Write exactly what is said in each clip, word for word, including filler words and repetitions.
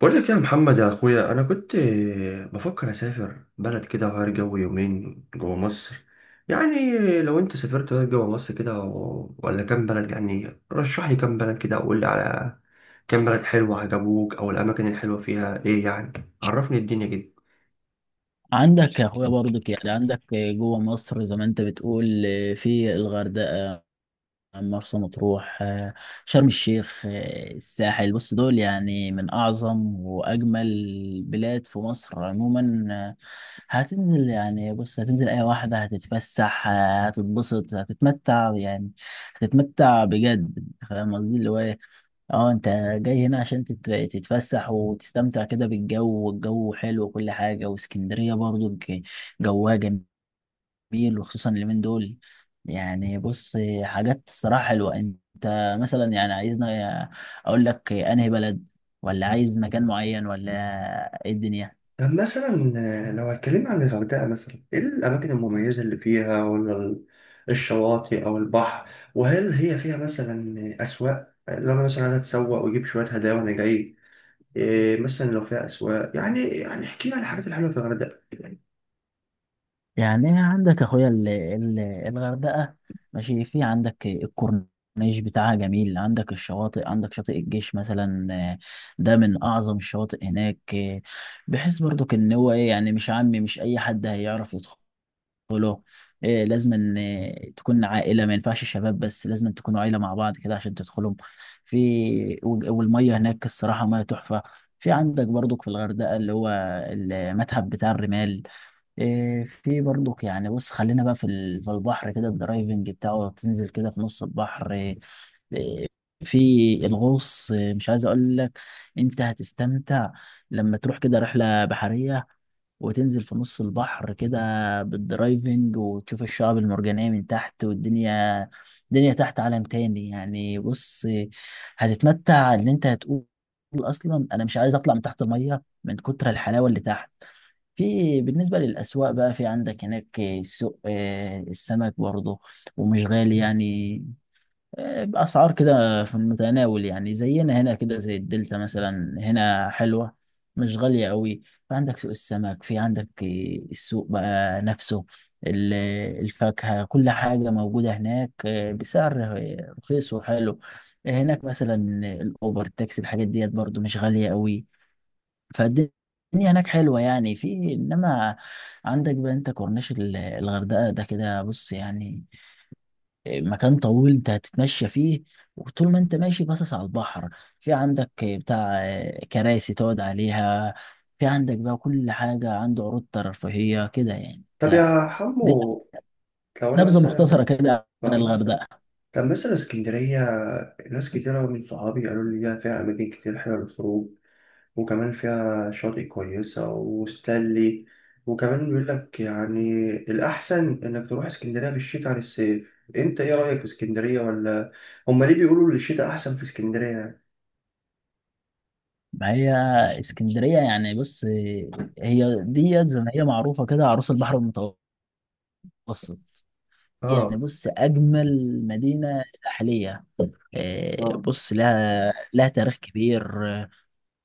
بقول لك يا محمد يا اخويا، انا كنت بفكر اسافر بلد كده وغير جو يومين جوه مصر يعني. لو انت سافرت غير جوه مصر كده و- ولا كام بلد، يعني رشح لي كام بلد كده وقول لي على كام بلد حلوة عجبوك، او الاماكن الحلوة فيها ايه يعني؟ عرفني الدنيا كده. عندك يا اخويا برضك، يعني عندك جوه مصر زي ما انت بتقول، في الغردقه، مرسى مطروح، شرم الشيخ، الساحل. بص دول يعني من اعظم واجمل البلاد في مصر عموما. هتنزل يعني بص، هتنزل اي واحده، هتتفسح، هتتبسط، هتتمتع، يعني هتتمتع بجد. فاهم قصدي اللي هو إيه؟ اه، انت جاي هنا عشان تت- تتفسح وتستمتع كده بالجو، والجو حلو وكل حاجة. واسكندرية برضو ج- جواها جميل، وخصوصا اليومين دول. يعني بص، حاجات الصراحة حلوة. انت مثلا يعني عايزنا اقول لك انهي بلد، ولا عايز مكان معين، ولا ايه الدنيا؟ طب مثلا لو هتكلم عن الغردقة مثلا، ايه الاماكن المميزة اللي فيها ولا ال- الشواطئ او البحر؟ وهل هي فيها مثلا اسواق، لو انا مثلا عايز اتسوق واجيب شوية هدايا وانا جاي؟ إيه مثلا لو فيها أسواق يعني يعني احكي لي عن الحاجات الحلوة في الغردقة. يعني إيه؟ عندك اخويا ال- ال- الغردقه، ماشي. في عندك الكورنيش بتاعها جميل، عندك الشواطئ، عندك شاطئ الجيش مثلا. آه، ده من اعظم الشواطئ هناك. آه، بحيث برضك ان هو ايه، يعني مش عامي، مش اي حد هيعرف يدخله. إيه؟ لازم ان آه، تكون عائله، ما ينفعش شباب بس، لازم تكونوا عائله مع بعض كده عشان تدخلهم في. وال- والميه هناك الصراحه، ميه تحفه. في عندك برضك في الغردقه اللي هو المتحف بتاع الرمال. إيه، في برضك يعني بص، خلينا بقى في ال- في البحر كده، الدرايفنج بتاعه، تنزل كده في نص البحر. إيه، إيه، في الغوص. إيه، مش عايز اقول لك، انت هتستمتع لما تروح كده رحلة بحرية، وتنزل في نص البحر كده بالدرايفنج، وتشوف الشعاب المرجانية من تحت، والدنيا. الدنيا تحت عالم تاني يعني بص. إيه، هتتمتع، ان انت هتقول اصلا انا مش عايز اطلع من تحت المية من كتر الحلاوة اللي تحت. في بالنسبة للأسواق بقى، في عندك هناك سوق آه، السمك برضه، ومش غالي يعني. آه، بأسعار كده في المتناول، يعني زينا هنا كده، زي الدلتا مثلا هنا، حلوة مش غالية قوي. فعندك سوق السمك، في عندك آه، السوق بقى نفسه، ال- الفاكهة، كل حاجة موجودة هناك آه، بسعر آه، رخيص وحلو. آه، هناك مثلا الأوبر، التاكسي، الحاجات ديت برضه مش غالية قوي. فالدنيا هناك حلوة يعني، في إنما عندك بقى أنت كورنيش ال- الغردقة، ده كده بص، يعني مكان طويل أنت هتتمشى فيه. وطول ما أنت ماشي باصص على البحر، في عندك بتاع كراسي تقعد عليها. في عندك بقى كل حاجة، عنده عروض ترفيهية كده يعني. طب ده- يا دي حمو، لو أنا نبذة مثلا مختصرة كده عن آه الغردقة. طب مثلا اسكندرية. ناس كتيرة من صحابي قالوا لي ليها فيها أماكن كتير حلوة للخروج، وكمان فيها شاطئ كويسة وستانلي. وكمان بيقول لك يعني الأحسن إنك تروح اسكندرية في الشتاء عن الصيف. أنت إيه رأيك في اسكندرية؟ ولا هما ليه بيقولوا إن الشتاء أحسن في اسكندرية؟ يعني؟ ما هي اسكندرية يعني بص، هي ديت زي ما هي معروفة كده عروس البحر المتوسط. يعني آه، بص، أجمل مدينة ساحلية. آه، آه، بص لها لها تاريخ كبير. آه،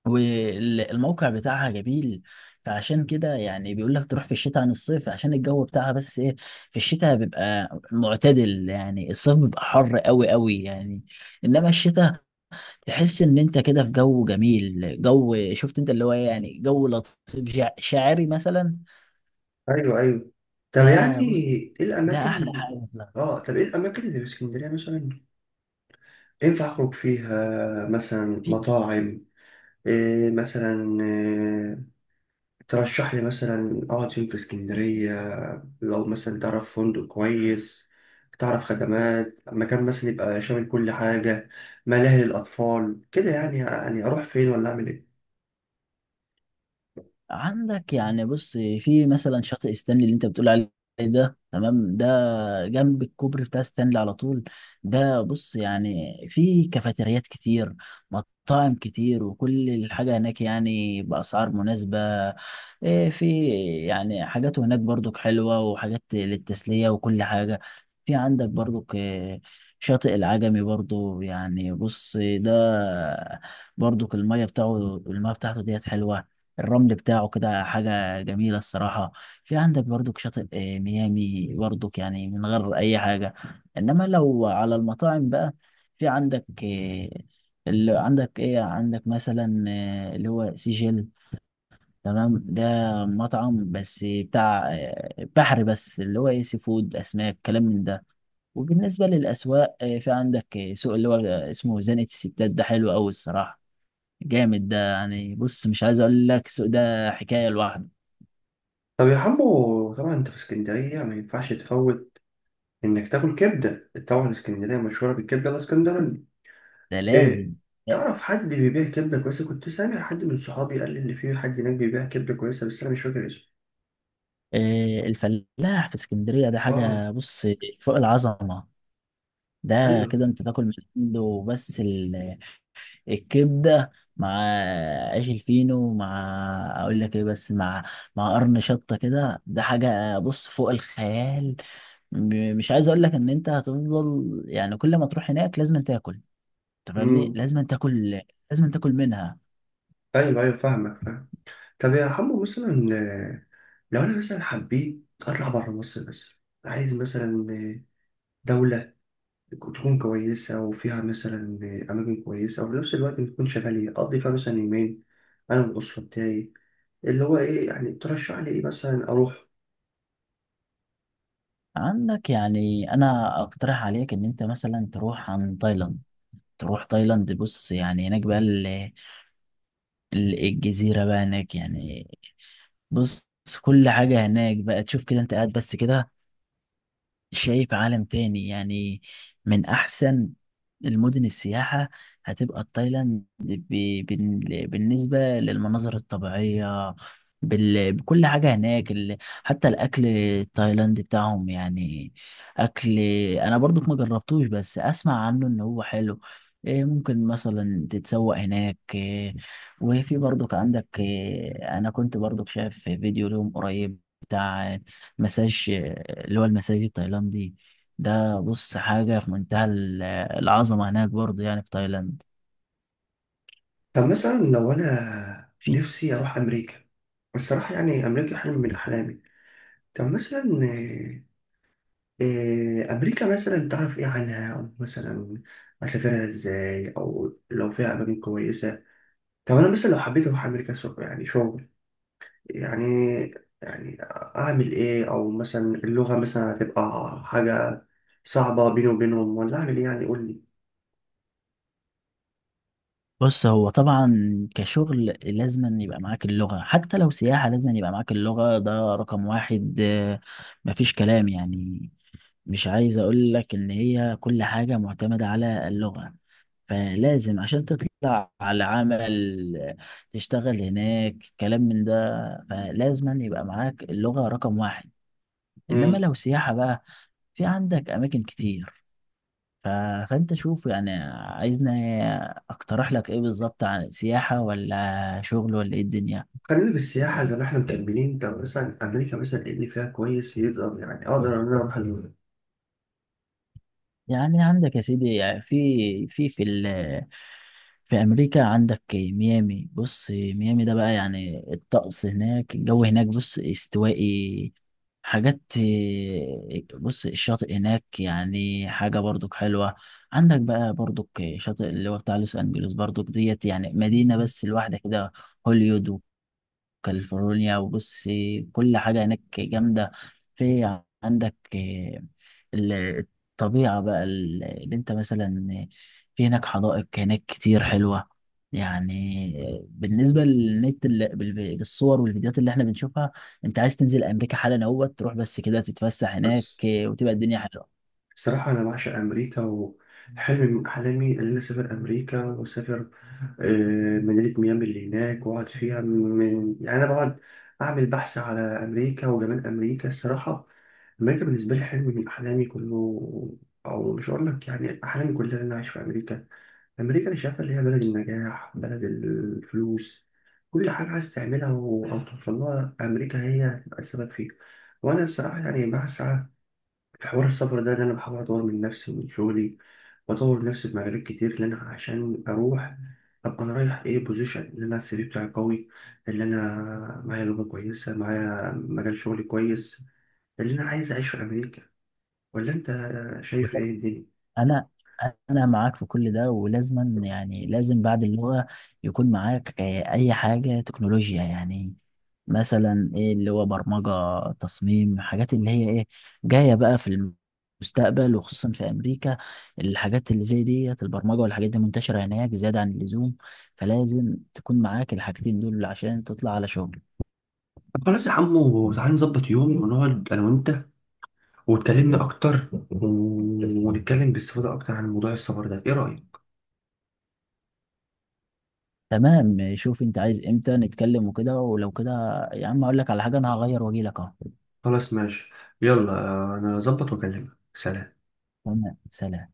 والموقع بتاعها جميل. فعشان كده يعني بيقول لك تروح في الشتاء عن الصيف عشان الجو بتاعها، بس ايه، في الشتاء بيبقى معتدل، يعني الصيف بيبقى حر قوي قوي يعني. انما الشتاء تحس ان انت كده في جو جميل، جو، شفت انت اللي هو إيه، يعني جو لطيف، شع- شاعري مثلا. ايوه، ايوه. طب ده يعني، بص، ايه ده احلى الاماكن؟ حاجة. اه، طب ايه الاماكن اللي في اسكندريه مثلا ينفع اخرج فيها مثلا؟ في مطاعم؟ إيه مثلا؟ إيه ترشح لي مثلا اقعد فين في اسكندريه؟ لو مثلا تعرف فندق كويس، تعرف خدمات مكان مثلا يبقى شامل كل حاجه، ملاهي للاطفال كده يعني يعني اروح فين ولا اعمل ايه؟ عندك يعني بص في مثلا شاطئ ستانلي اللي انت بتقول عليه، ده تمام، جنب الكوبري بتاع ستانلي على طول. ده بص، يعني في كافيتريات كتير، مطاعم كتير، وكل الحاجة هناك يعني بأسعار مناسبة. إيه، في يعني حاجات هناك برضك حلوة، وحاجات للتسلية وكل حاجة. في عندك برضك إيه، شاطئ العجمي برضو، يعني بص، ده برضو المية بتاعه المية بتاعته ديت حلوة. الرمل بتاعه كده حاجة جميلة الصراحة. في عندك برضك شاطئ آه، ميامي برضك، يعني من غير اي حاجه. انما لو على المطاعم بقى، في عندك آه، اللي عندك ايه، عندك مثلا آه، اللي هو سيجل، تمام. ده مطعم بس بتاع آه، بحر بس، اللي هو ايه، سي فود، اسماك، كلام من ده. وبالنسبه للاسواق آه، في عندك آه، سوق اللي هو آه، اسمه زنقه الستات، ده حلو قوي الصراحه، جامد ده، يعني بص مش عايز اقول لك السوق ده حكايه لوحده. طب يا حمو، طبعا انت في اسكندريه ما ينفعش تفوت انك تاكل كبده. طبعا اسكندريه مشهوره بالكبده الاسكندراني. ده إيه، لازم. تعرف حد بيبيع كبده كويسه؟ كنت سامع حد من صحابي قال لي ان في حد هناك بيبيع كبده كويسه بس انا مش فاكر اسمه. آه، الفلاح في اسكندرية ده اه. حاجة بص فوق العظمة. ده ايوه. كده انت تاكل من عنده، بس ال- الكبدة مع عيش الفينو، مع اقول لك ايه، بس مع مع قرن شطة كده، ده حاجة بص فوق الخيال. م- مش عايز اقول لك ان انت هتفضل، يعني كل ما تروح هناك لازم تاكل، انت فاهمني امم لازم تاكل، لازم تاكل منها. ايوه، ايوه، فاهمك فاهم. طب يا حمو، مثلا آه، لو انا مثلا حبيت اطلع بره مصر مثلا. عايز مثلا آه، دولة تكون كويسة وفيها مثلا آه، أماكن كويسة، وفي نفس الوقت تكون شغالة أقضي فيها مثلا يومين، أنا والأسرة بتاعي. اللي هو إيه يعني؟ ترشح لي إيه مثلا أروح؟ عندك يعني انا اقترح عليك ان انت مثلا تروح عن تايلاند، تروح تايلاند، بص يعني هناك بقى ال- ال- الجزيرة بقى هناك يعني بص. كل حاجة هناك بقى، تشوف كده انت قاعد بس كده شايف عالم تاني يعني. من أحسن المدن السياحة هتبقى تايلاند، ب- بال- بالنسبة للمناظر الطبيعية، بال... بكل حاجة هناك. ال... حتى الأكل التايلاندي بتاعهم، يعني أكل، أنا برضك ما جربتوش، بس أسمع عنه إن هو حلو. إيه، ممكن مثلا تتسوق هناك. إيه، وفي برضك عندك، إيه، أنا كنت برضك شايف فيديو لهم قريب بتاع مساج، آه، اللي هو المساج التايلاندي ده، بص حاجة في منتهى ال- العظمة هناك برضه، يعني في تايلاند. طب مثلا لو أنا في نفسي أروح أمريكا. الصراحة يعني، أمريكا حلم من أحلامي. طب مثلا آه، آه، أمريكا مثلا تعرف إيه عنها، أو مثلا أسافرها إزاي، أو لو فيها أماكن كويسة؟ طب أنا مثلا لو حبيت أروح أمريكا شغل، يعني شغل، يعني يعني أعمل إيه؟ أو مثلا اللغة مثلا هتبقى حاجة صعبة بيني وبينهم، ولا أعمل إيه يعني؟ قول بص، هو طبعا كشغل لازم أن يبقى معاك اللغة، حتى لو سياحة لازم أن يبقى معاك اللغة، ده رقم واحد. آه، مفيش كلام يعني. مش عايز اقول لك ان هي كل حاجة معتمدة على اللغة، فلازم عشان تطلع على عمل آه، تشتغل هناك كلام من ده، فلازم أن يبقى معاك اللغة رقم واحد. انما لي. لو سياحه بقى، في عندك اماكن كتير. ف... فانت شوف يعني، عايزني اقترح لك ايه بالظبط، عن سياحه ولا شغل ولا ايه الدنيا؟ خلينا في السياحة زي ما احنا مكملين. طب مثلا أمريكا مثلا إيه اللي فيها كويس يقدر، يعني أقدر إن أنا أروح ال- يعني عندك يا سيدي يعني، في في في ال في امريكا عندك ميامي، بص ميامي ده بقى يعني، الطقس هناك، الجو هناك بص استوائي. حاجات بص، الشاطئ هناك يعني حاجة برضك حلوة. عندك بقى برضك شاطئ اللي هو بتاع لوس انجلوس، برضك ديت يعني مدينة بس لوحدها كده، هوليوود، كاليفورنيا. وبص، كل حاجة هناك جامدة. في عندك آه، ال- الطبيعة بقى، ال- اللي انت مثلا في هناك، حدائق هناك كتير حلوة يعني. آه، بالنسبة للنت، ال- بال- بالصور والفيديوهات اللي احنا بنشوفها. انت عايز تنزل امريكا حالا، اهوت تروح بس كده تتفسح هناك، بس آه، وتبقى الدنيا حلوة. الصراحة أنا بعشق أمريكا، وحلم من أحلامي إن أنا أسافر أمريكا وأسافر آه، مدينة ميامي اللي هناك وأقعد فيها. من يعني أنا بقعد أعمل بحث على أمريكا وجمال أمريكا الصراحة. أمريكا بالنسبة لي حلم من أحلامي كله، أو مش هقول لك يعني أحلامي كلها، إن أنا أعيش في أمريكا. أمريكا أنا شايفها اللي هي بلد النجاح، بلد الفلوس. كل حاجة عايز تعملها و- أو توصل لها أمريكا هي هتبقى السبب فيها. وأنا الصراحة يعني بسعى في حوار السفر ده، إن أنا بحاول أطور من نفسي ومن شغلي، وأطور نفسي في مجالات كتير، لأن عشان أروح أبقى أنا رايح إيه بوزيشن، إن أنا سي في بتاعي قوي، اللي أنا معايا لغة كويسة، معايا مجال شغلي كويس، اللي أنا عايز أعيش في أمريكا. ولا أنت شايف إيه الدنيا؟ انا انا معاك في كل ده، ولازما يعني لازم بعد اللغه يكون معاك آه، اي حاجه تكنولوجيا، يعني مثلا ايه اللي هو برمجه، تصميم، حاجات اللي هي ايه جايه بقى في المستقبل، وخصوصا في امريكا. الحاجات اللي زي ديت البرمجه والحاجات دي منتشره هناك زياده عن اللزوم، فلازم تكون معاك الحاجتين دول عشان تطلع على شغل. طب خلاص يا عمو، تعالى نظبط يوم ونقعد أنا وأنت واتكلمنا اكتر و- ونتكلم باستفاضه اكتر عن موضوع السفر ده، ايه رايك؟ تمام، شوف انت عايز امتى نتكلم وكده، ولو كده يا عم اقول لك على حاجه، انا هغير واجي لك اهو. خلاص ماشي. يلا. آه، انا اظبط واكلمك. سلام. تمام، سلام.